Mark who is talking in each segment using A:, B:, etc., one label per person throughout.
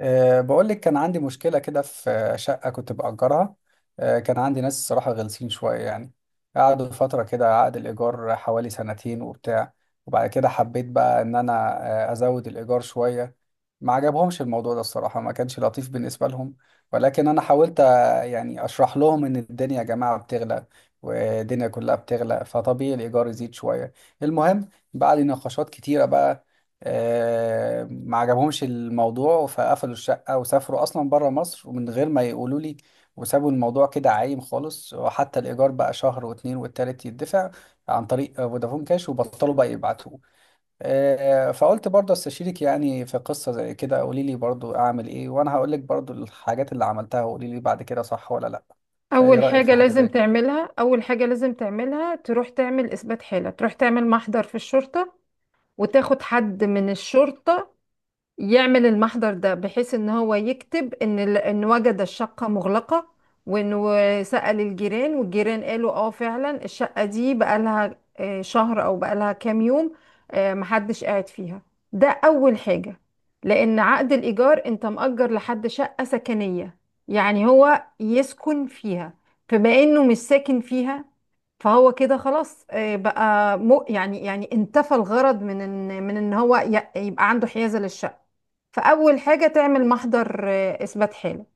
A: بقول لك كان عندي مشكلة كده في شقة كنت بأجرها. كان عندي ناس الصراحة غلسين شوية يعني. قعدوا فترة كده، عقد الإيجار حوالي سنتين وبتاع. وبعد كده حبيت بقى إن أنا أزود الإيجار شوية. ما عجبهمش الموضوع ده، الصراحة ما كانش لطيف بالنسبة لهم. ولكن أنا حاولت يعني أشرح لهم إن الدنيا يا جماعة بتغلى، والدنيا كلها بتغلى، فطبيعي الإيجار يزيد شوية. المهم، بعد نقاشات كتيرة بقى، ما عجبهمش الموضوع، فقفلوا الشقة وسافروا أصلا بره مصر ومن غير ما يقولوا لي. وسابوا الموضوع كده عايم خالص، وحتى الإيجار بقى شهر واتنين والتالت يدفع عن طريق فودافون كاش، وبطلوا بقى يبعتوه. فقلت برضه استشيرك يعني في قصة زي كده، قولي لي برضه أعمل إيه، وأنا هقول لك برضه الحاجات اللي عملتها وقولي لي بعد كده صح ولا لأ. فإيه
B: اول
A: رأيك في
B: حاجه
A: حاجة
B: لازم
A: زي كده؟
B: تعملها اول حاجه لازم تعملها تروح تعمل اثبات حاله، تروح تعمل محضر في الشرطه، وتاخد حد من الشرطه يعمل المحضر ده بحيث ان هو يكتب ان ان وجد الشقة مغلقة، وانه سأل الجيران، والجيران قالوا اه فعلا الشقة دي بقالها شهر او بقالها كام يوم، محدش قاعد فيها. ده اول حاجة. لان عقد الايجار انت مأجر لحد شقة سكنية، يعني هو يسكن فيها، فبما انه مش ساكن فيها فهو كده خلاص بقى مو يعني يعني انتفى الغرض من ان هو يبقى عنده حيازة للشقة. فأول حاجة تعمل محضر إثبات حالة.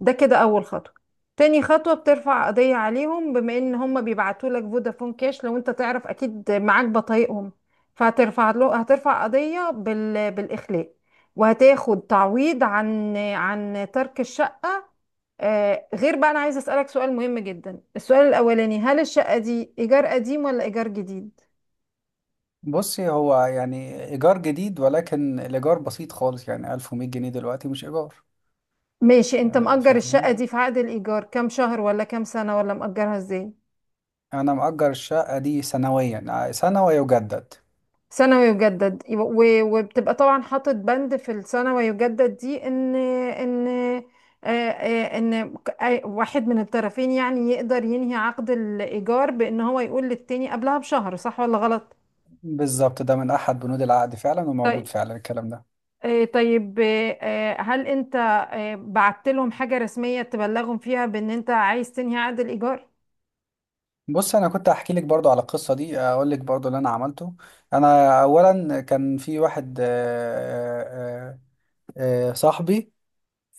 B: ده كده أول خطوة. تاني خطوة بترفع قضية عليهم، بما إن هم بيبعتوا لك فودافون كاش، لو أنت تعرف أكيد معاك بطايقهم. فهترفع له هترفع قضية بالإخلاء، وهتاخد تعويض عن ترك الشقة. غير بقى أنا عايزة أسألك سؤال مهم جدا. السؤال الأولاني، هل الشقة دي إيجار قديم ولا إيجار جديد؟
A: بصي، هو يعني إيجار جديد ولكن الإيجار بسيط خالص، يعني 1100 جنيه دلوقتي، مش إيجار.
B: ماشي. أنت مأجر الشقة
A: فاهمين.
B: دي في عقد الإيجار كام شهر ولا كام سنة ولا مأجرها إزاي؟
A: انا مأجر الشقة دي سنويا، سنة ويجدد.
B: ثانوي يجدد، وبتبقى طبعا حاطط بند في الثانوي يجدد دي ان ان آه، آه، ان واحد من الطرفين يعني يقدر ينهي عقد الايجار بان هو يقول للتاني قبلها بشهر، صح ولا غلط؟
A: بالظبط، ده من احد بنود العقد فعلا، وموجود
B: طيب.
A: فعلا الكلام ده.
B: طيب هل انت بعت لهم حاجة رسمية تبلغهم فيها بان انت عايز تنهي عقد الايجار؟
A: بص، انا كنت احكي لك برضو على القصة دي، اقول لك برضو اللي انا عملته. انا اولا كان في واحد صاحبي،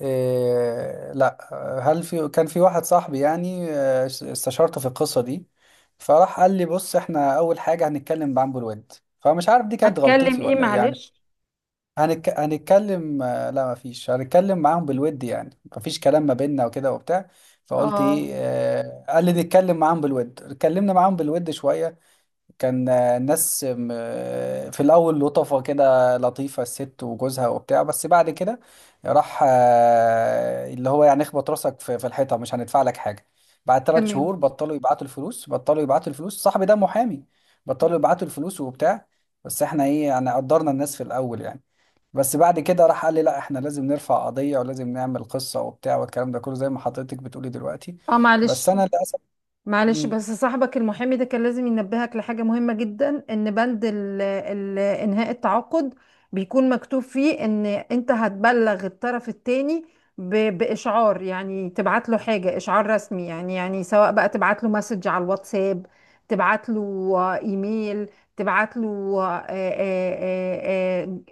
A: لا، هل في، كان في واحد صاحبي يعني استشارته في القصة دي. فراح قال لي بص احنا اول حاجة هنتكلم بعنبر الود. فمش عارف دي كانت
B: هتكلم
A: غلطتي
B: ايه؟
A: ولا ايه يعني.
B: معلش.
A: هنتكلم، لا مفيش، هنتكلم معاهم بالود يعني، مفيش كلام ما بيننا وكده وبتاع. فقلت ايه،
B: اه.
A: قال لي نتكلم معاهم بالود، اتكلمنا معاهم بالود شوية. كان الناس في الأول لطفة كده، لطيفة الست وجوزها وبتاع، بس بعد كده راح اللي هو يعني اخبط راسك في الحيطة، مش هندفع لك حاجة. بعد ثلاث
B: تمام.
A: شهور بطلوا يبعتوا الفلوس، بطلوا يبعتوا الفلوس، صاحبي ده محامي. بطلوا يبعتوا الفلوس وبتاع. بس احنا ايه يعني، قدرنا الناس في الأول يعني. بس بعد كده راح قال لي لا احنا لازم نرفع قضية ولازم نعمل قصة وبتاع والكلام ده كله، زي ما حضرتك بتقولي دلوقتي.
B: اه
A: بس
B: معلش.
A: انا للاسف.
B: معلش،
A: مم.
B: بس صاحبك المحامي ده كان لازم ينبهك لحاجة مهمة جدا، ان بند ال انهاء التعاقد بيكون مكتوب فيه ان انت هتبلغ الطرف التاني باشعار، يعني تبعت له حاجة اشعار رسمي، يعني يعني سواء بقى تبعت له مسج على الواتساب، تبعت له ايميل، تبعت له آه، آه، آه،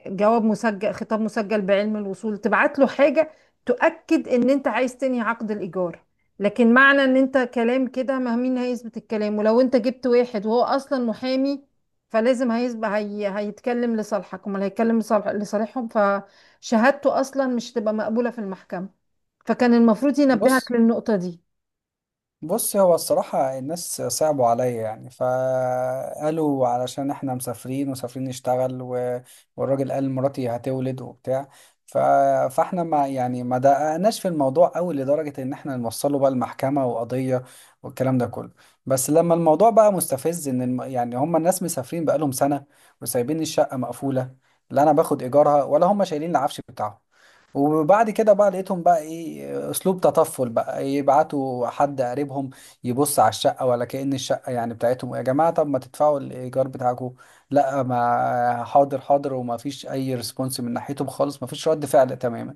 B: جواب مسجل، خطاب مسجل بعلم الوصول، تبعت له حاجة تؤكد ان انت عايز تنهي عقد الايجار. لكن معنى ان انت كلام كده، ما مين هيثبت الكلام؟ ولو انت جبت واحد وهو اصلا محامي، فلازم هيثبت هيتكلم لصالحك، امال هيتكلم لصالحهم؟ فشهادته اصلا مش تبقى مقبولة في المحكمة. فكان المفروض ينبهك
A: بص.
B: للنقطة دي.
A: بص، هو الصراحة الناس صعبوا عليا يعني، فقالوا علشان احنا مسافرين، ومسافرين نشتغل، و... والراجل قال مراتي هتولد وبتاع. ف... فاحنا ما يعني ما دققناش في الموضوع قوي لدرجة ان احنا نوصله بقى المحكمة وقضية، والكلام ده كله. بس لما الموضوع بقى مستفز، ان يعني هم الناس مسافرين بقالهم سنة وسايبين الشقة مقفولة، لا انا باخد ايجارها ولا هم شايلين العفش بتاعهم. وبعد كده بقى لقيتهم بقى ايه، اسلوب تطفل بقى، يبعتوا حد قريبهم يبص على الشقه، ولا كأن الشقه يعني بتاعتهم. يا جماعه، طب ما تدفعوا الايجار بتاعكم، لا. ما حاضر حاضر وما فيش اي ريسبونس من ناحيتهم خالص، ما فيش رد فعل تماما.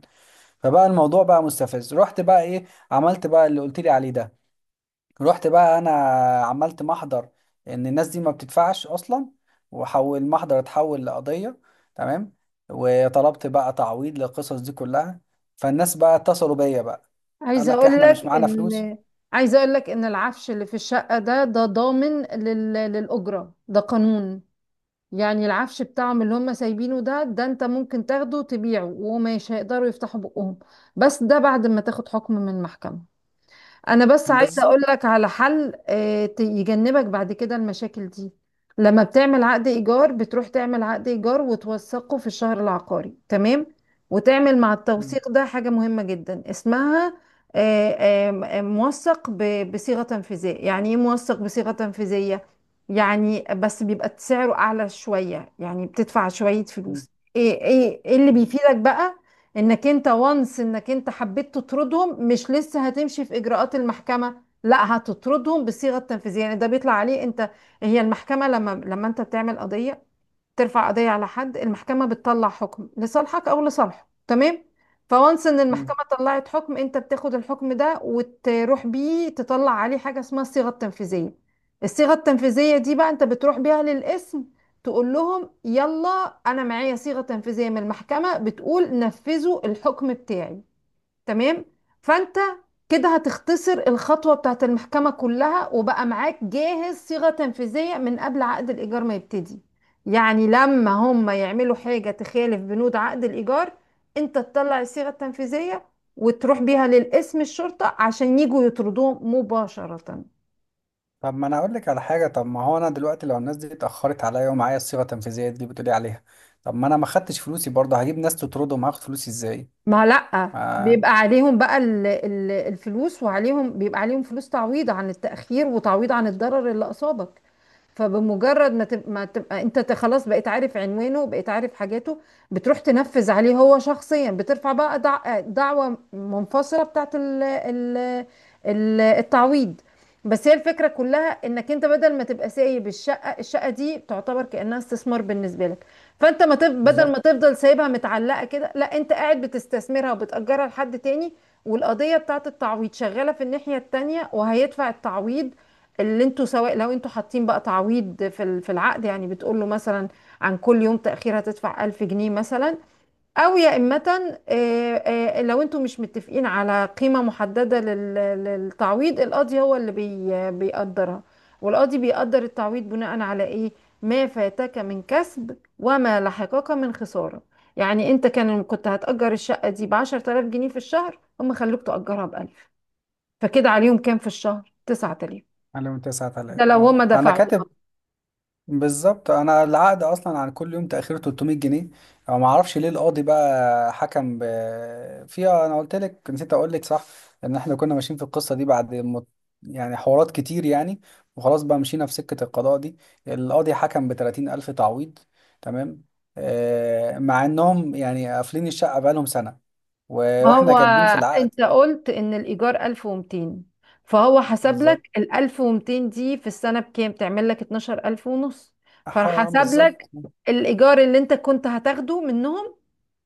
A: فبقى الموضوع بقى مستفز، رحت بقى ايه، عملت بقى اللي قلت لي عليه ده. رحت بقى انا عملت محضر ان الناس دي ما بتدفعش اصلا، وحول المحضر اتحول لقضية. تمام. وطلبت بقى تعويض للقصص دي كلها. فالناس بقى اتصلوا بيا بقى. قال
B: عايزة
A: لك
B: اقول
A: احنا مش
B: لك
A: معانا فلوس.
B: ان عايزة اقول لك ان العفش اللي في الشقة ده ضامن للأجرة. ده قانون. يعني العفش بتاعهم اللي هم سايبينه ده انت ممكن تاخده وتبيعه ومش هيقدروا يفتحوا بقهم، بس ده بعد ما تاخد حكم من المحكمة. انا بس عايزه اقول
A: بالظبط.
B: لك على حل يجنبك بعد كده المشاكل دي. لما بتعمل عقد ايجار بتروح تعمل عقد ايجار وتوثقه في الشهر العقاري، تمام، وتعمل مع
A: مم.
B: التوثيق ده حاجه مهمه جدا اسمها آه، موثق بصيغه تنفيذيه. يعني ايه موثق بصيغه تنفيذيه؟ يعني بس بيبقى سعره اعلى شويه، يعني بتدفع شويه
A: مم.
B: فلوس. ايه ايه إيه اللي
A: مم.
B: بيفيدك بقى؟ انك انت انك انت حبيت تطردهم مش لسه هتمشي في اجراءات المحكمة، لا هتطردهم بالصيغة التنفيذية. يعني ده بيطلع عليه انت. هي المحكمة لما انت بتعمل قضية، ترفع قضية على حد، المحكمة بتطلع حكم لصالحك أو لصالحه، تمام. فوانس إن
A: مم.
B: المحكمة طلعت حكم، أنت بتاخد الحكم ده وتروح بيه تطلع عليه حاجة اسمها الصيغة التنفيذية. الصيغة التنفيذية دي بقى أنت بتروح بيها للقسم، تقول لهم يلا، أنا معايا صيغة تنفيذية من المحكمة بتقول نفذوا الحكم بتاعي. تمام. فانت كده هتختصر الخطوة بتاعت المحكمة كلها، وبقى معاك جاهز صيغة تنفيذية من قبل عقد الإيجار ما يبتدي. يعني لما هم يعملوا حاجة تخالف بنود عقد الإيجار، انت تطلع الصيغة التنفيذية وتروح بيها للقسم الشرطة عشان يجوا يطردوهم مباشرة.
A: طب ما انا اقول لك على حاجة، طب ما هو انا دلوقتي لو الناس دي اتأخرت عليا ومعايا الصيغة التنفيذية دي بتقولي عليها، طب ما انا ما خدتش فلوسي برضه، هجيب ناس تطردهم، هاخد فلوسي ازاي؟
B: ما لأ،
A: ما
B: بيبقى عليهم بقى الفلوس، وعليهم، بيبقى عليهم فلوس تعويض عن التأخير، وتعويض عن الضرر اللي أصابك. فبمجرد ما تبقى انت خلاص بقيت عارف عنوانه، بقيت عارف حاجاته، بتروح تنفذ عليه هو شخصيا. بترفع بقى دعوة منفصلة بتاعت التعويض. بس هي الفكرة كلها انك انت بدل ما تبقى سايب الشقة، الشقة دي تعتبر كأنها استثمار بالنسبة لك. فانت ما تف... بدل ما
A: بالظبط.
B: تفضل سايبها متعلقة كده، لا، انت قاعد بتستثمرها وبتأجرها لحد تاني. والقضية بتاعت التعويض شغالة في الناحية التانية، وهيدفع التعويض اللي انتوا، سواء لو انتوا حاطين بقى تعويض في في العقد. يعني بتقول له مثلا عن كل يوم تأخير هتدفع 1000 جنيه مثلا، او يا إما لو انتوا مش متفقين على قيمة محددة للتعويض، القاضي هو اللي بيقدرها. والقاضي بيقدر التعويض بناء على ايه؟ ما فاتك من كسب، وما لحقك من خسارة. يعني انت كان كنت هتأجر الشقة دي بعشرة آلاف جنيه في الشهر، هم خلوك تأجرها بألف، فكده عليهم كام في الشهر؟ تسعة آلاف.
A: عليهم
B: ده
A: 9000،
B: لو
A: اه
B: هما
A: انا
B: دفعوا.
A: كاتب. بالظبط، انا العقد اصلا عن كل يوم تاخير 300 جنيه، او ما اعرفش ليه القاضي بقى حكم فيها. انا قلت لك، نسيت اقول لك، صح، ان احنا كنا ماشيين في القصه دي بعد يعني حوارات كتير يعني. وخلاص بقى مشينا في سكه القضاء دي، القاضي حكم ب 30 الف تعويض. تمام. مع انهم يعني قافلين الشقه بقالهم سنه، و...
B: ما
A: واحنا
B: هو
A: كاتبين في العقد.
B: انت قلت ان الايجار 1200، فهو حسب لك
A: بالظبط.
B: ال 1200 دي في السنه بكام؟ تعمل لك 12000 ونص.
A: حرام،
B: فحسب لك
A: بالظبط.
B: الايجار اللي انت كنت هتاخده منهم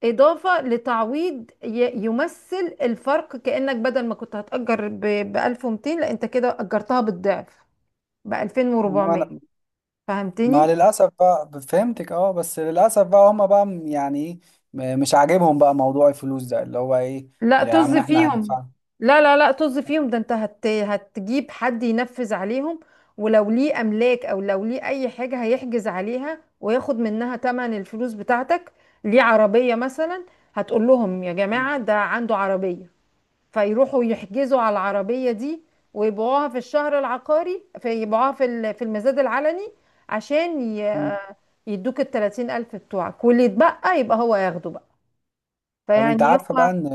B: اضافه لتعويض يمثل الفرق، كانك بدل ما كنت هتاجر ب 1200 لا انت كده اجرتها بالضعف ب 2400.
A: وانا، مع
B: فهمتني؟
A: للأسف بقى، فهمتك، اه، بس للأسف بقى هما بقى يعني ايه، مش عاجبهم بقى موضوع الفلوس ده اللي هو ايه.
B: لا،
A: يا
B: طز
A: عم، احنا
B: فيهم.
A: هندفع.
B: لا، لا، لا، طز فيهم. ده انت هتجيب حد ينفذ عليهم، ولو ليه املاك او لو ليه اي حاجة هيحجز عليها وياخد منها تمن الفلوس بتاعتك. ليه عربية مثلا، هتقول لهم يا جماعة ده عنده عربية، فيروحوا يحجزوا على العربية دي، ويبيعوها في الشهر العقاري، فيبيعوها في في المزاد العلني عشان
A: مم.
B: يدوك التلاتين ألف بتوعك، واللي يتبقى يبقى هو ياخده بقى.
A: طب، انت
B: فيعني
A: عارفة
B: هما
A: بقى ان،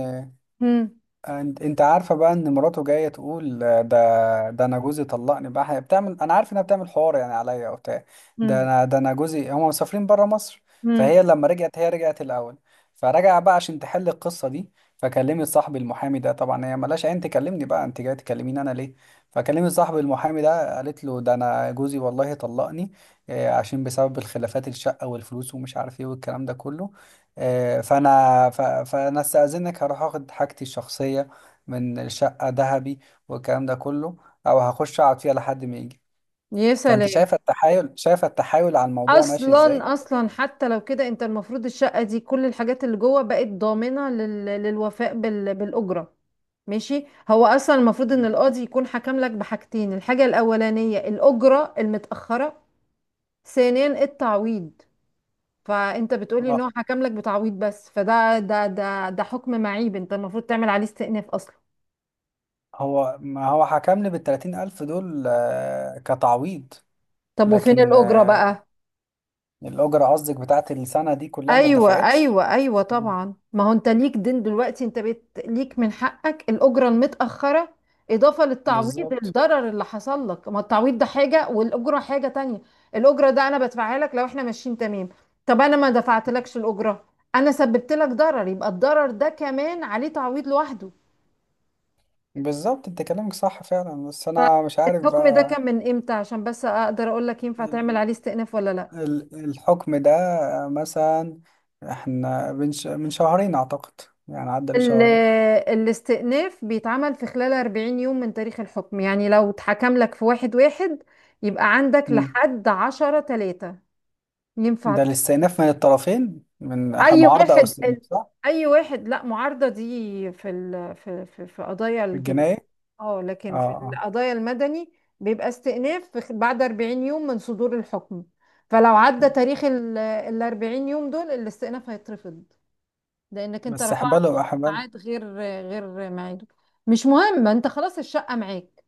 B: هم
A: انت عارفه بقى ان مراته جايه تقول ده انا جوزي طلقني بقى، هي بتعمل، انا عارف انها بتعمل حوار يعني عليا او بتاع. ده انا جوزي هم مسافرين بره مصر.
B: هم
A: فهي لما رجعت، هي رجعت الاول، فرجع بقى عشان تحل القصه دي. فكلمت صاحبي المحامي ده، طبعا هي ملاش عين تكلمني بقى، انت جاي تكلميني انا ليه، فكلمت صاحبي المحامي ده قالت له ده انا جوزي والله طلقني، عشان بسبب الخلافات، الشقه والفلوس ومش عارف ايه والكلام ده كله. فانا فانا استاذنك هروح اخد حاجتي الشخصيه من الشقه، ذهبي والكلام ده كله، او هخش اقعد فيها لحد ما يجي.
B: يا
A: فانت
B: سلام.
A: شايفه التحايل، شايفه التحايل على الموضوع ماشي ازاي؟
B: اصلا اصلا، حتى لو كده، انت المفروض الشقه دي كل الحاجات اللي جوه بقت ضامنه للوفاء بالاجره. ماشي. هو اصلا المفروض ان
A: مم.
B: القاضي يكون حكم لك بحاجتين، الحاجه الاولانيه الاجره المتاخره، ثانيا التعويض. فانت بتقولي ان
A: آه،
B: هو حكم لك بتعويض بس، فده ده ده ده حكم معيب، انت المفروض تعمل عليه استئناف اصلا.
A: هو ما هو حكم لي بالتلاتين ألف دول كتعويض.
B: طب وفين
A: لكن
B: الاجره بقى؟
A: الأجرة قصدك بتاعت السنة دي كلها ما
B: ايوه،
A: اتدفعتش.
B: ايوه، ايوه،
A: مم.
B: طبعا. ما هو انت ليك دين دلوقتي، انت ليك من حقك الاجره المتاخره اضافه للتعويض،
A: بالظبط.
B: الضرر اللي حصل لك. ما التعويض ده حاجه والاجره حاجه تانية. الاجره ده انا بدفعها لك لو احنا ماشيين تمام. طب انا ما دفعتلكش الاجره، انا سببت لك ضرر، يبقى الضرر ده كمان عليه تعويض لوحده.
A: بالظبط، انت كلامك صح فعلا، بس أنا مش عارف
B: الحكم ده
A: بقى.
B: كان من امتى عشان بس اقدر اقول لك ينفع تعمل عليه استئناف ولا لا؟
A: الحكم ده مثلا، احنا من من شهرين اعتقد، يعني عدى
B: ال-
A: لشهرين.
B: الاستئناف بيتعمل في خلال 40 يوم من تاريخ الحكم، يعني لو اتحكم لك في واحد واحد يبقى عندك
A: مم.
B: لحد عشرة تلاتة ينفع
A: ده الاستئناف من الطرفين، من
B: أي
A: معارضة او
B: واحد
A: استئناف،
B: ال-
A: صح؟
B: أي واحد. لا، معارضة دي في في قضايا
A: في
B: الجنائية.
A: الجناية.
B: اه،
A: اه،
B: لكن في
A: اه.
B: القضايا المدني بيبقى استئناف في بعد 40 يوم من صدور الحكم. فلو عدى تاريخ ال 40 يوم دول، الاستئناف هيترفض، لانك انت
A: بس
B: رفعته
A: احباله
B: في
A: احباله.
B: ميعاد غير ميعاده. مش مهم، انت خلاص الشقه معاك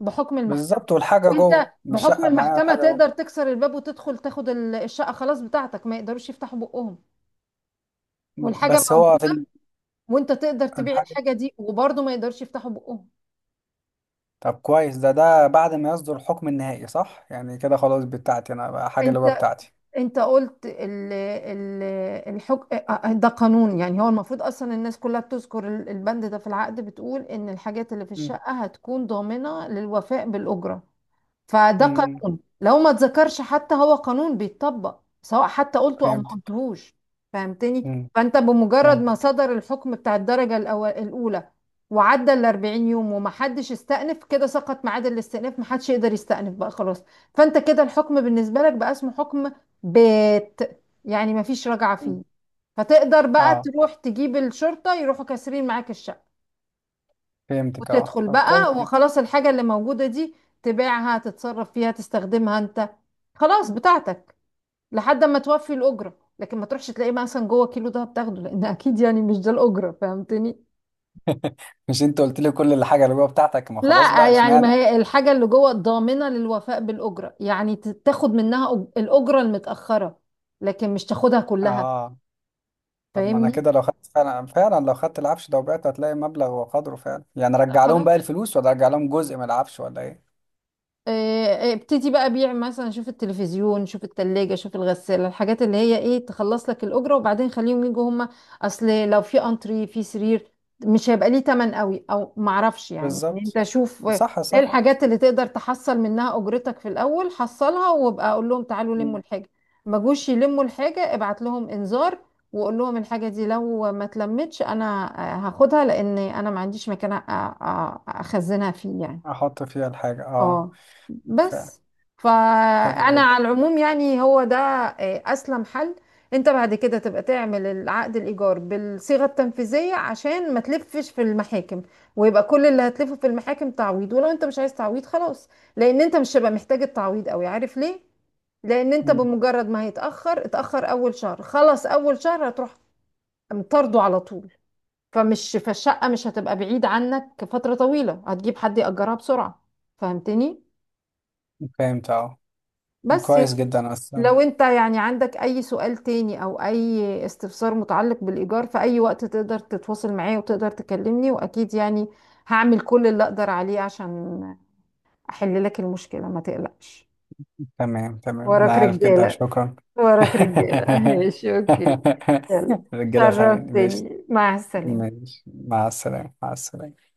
B: بحكم المحكمه.
A: بالظبط، والحاجة
B: انت
A: جوه، مش
B: بحكم
A: شقة معايا،
B: المحكمه
A: الحاجة جوه.
B: تقدر تكسر الباب وتدخل تاخد الشقه، خلاص بتاعتك، ما يقدروش يفتحوا بقهم، والحاجه
A: بس هو في
B: موجوده، وانت تقدر تبيع
A: الحاجة.
B: الحاجه دي وبرضه ما يقدرش يفتحوا بقهم.
A: طب كويس، ده بعد ما يصدر الحكم النهائي، صح؟ يعني كده خلاص بتاعتي انا بقى، حاجة اللي جوه
B: انت
A: بتاعتي.
B: انت قلت ال ال الحك... اه، ده قانون. يعني هو المفروض اصلا الناس كلها بتذكر البند ده في العقد، بتقول ان الحاجات اللي في
A: مم.
B: الشقه هتكون ضامنه للوفاء بالاجره. فده
A: مم.
B: قانون لو ما اتذكرش، حتى هو قانون بيتطبق سواء حتى قلته او ما
A: فهمتك.
B: قلتهوش. فهمتني؟
A: مم.
B: فانت بمجرد ما
A: فهمتك.
B: صدر الحكم بتاع الدرجة الأولى وعدى ال 40 يوم وما حدش استأنف، كده سقط ميعاد الاستئناف، ما حدش يقدر يستأنف بقى خلاص. فانت كده الحكم بالنسبة لك بقى اسمه حكم بات، يعني ما فيش رجعة
A: مم.
B: فيه. فتقدر بقى
A: اه،
B: تروح تجيب الشرطة يروحوا كاسرين معاك الشقة
A: فهمتك، اه،
B: وتدخل
A: طب كويس
B: بقى
A: جدا.
B: وخلاص. الحاجة اللي موجودة دي تبيعها، تتصرف فيها، تستخدمها انت، خلاص بتاعتك لحد ما توفي الأجرة. لكن ما تروحش تلاقيه مثلا جوه كيلو ده بتاخده، لأن أكيد يعني مش ده الأجرة. فهمتني؟
A: مش انت قلت لي كل الحاجه اللي جوه بتاعتك، ما خلاص
B: لا،
A: بقى،
B: يعني
A: اشمعنى؟
B: ما هي الحاجة اللي جوه ضامنة للوفاء بالأجرة، يعني تاخد منها الأجرة المتأخرة، لكن مش تاخدها كلها.
A: اه، طب ما انا
B: فاهمني.
A: كده لو خدت فعلا، فعلا لو خدت العفش ده وبعته، هتلاقي مبلغ وقدره فعلا يعني،
B: لا
A: رجع لهم
B: خلاص.
A: بقى الفلوس ولا رجع لهم جزء من العفش ولا ايه؟
B: ابتدي بقى بيع مثلا، شوف التلفزيون، شوف التلاجة، شوف الغسالة، الحاجات اللي هي ايه تخلص لك الأجرة، وبعدين خليهم يجوا هما. أصل لو في أنتري، في سرير، مش هيبقى ليه تمن قوي، أو معرفش يعني. يعني
A: بالظبط.
B: أنت شوف ايه
A: صح، صح.
B: الحاجات اللي تقدر تحصل منها أجرتك في الأول، حصلها، وابقى أقول لهم تعالوا
A: مم.
B: لموا الحاجة. ما جوش يلموا الحاجة، ابعت لهم إنذار وقول لهم الحاجة دي لو ما اتلمتش أنا هاخدها، لأن أنا ما عنديش مكان أخزنها فيه يعني.
A: احط فيها الحاجه، اه.
B: اه.
A: فعلا.
B: بس،
A: حلو
B: فانا
A: جدا.
B: على العموم يعني هو ده اسلم حل. انت بعد كده تبقى تعمل العقد الايجار بالصيغه التنفيذيه عشان ما تلفش في المحاكم، ويبقى كل اللي هتلفه في المحاكم تعويض. ولو انت مش عايز تعويض خلاص، لان انت مش هيبقى محتاج التعويض قوي، عارف ليه؟ لان انت
A: مم.
B: بمجرد ما اتاخر اول شهر، خلص اول شهر هتروح مطرده على طول. فالشقه مش هتبقى بعيد عنك فتره طويله، هتجيب حد ياجرها بسرعه. فهمتني؟
A: فهمت، اه.
B: بس يا
A: كويس
B: س-
A: جدا اصلا.
B: لو انت يعني عندك اي سؤال تاني او اي استفسار متعلق بالايجار في اي وقت تقدر تتواصل معايا وتقدر تكلمني، واكيد يعني هعمل كل اللي اقدر عليه عشان احل لك المشكلة، ما تقلقش.
A: تمام، تمام، انا
B: وراك
A: عارف كده،
B: رجالة
A: شكرا.
B: وراك رجالة، ماشي، اوكي. يلا،
A: الرجاله فاهمين، ماشي.
B: شرفتني، مع السلامة.
A: ماشي، مع السلامه، مع السلامه.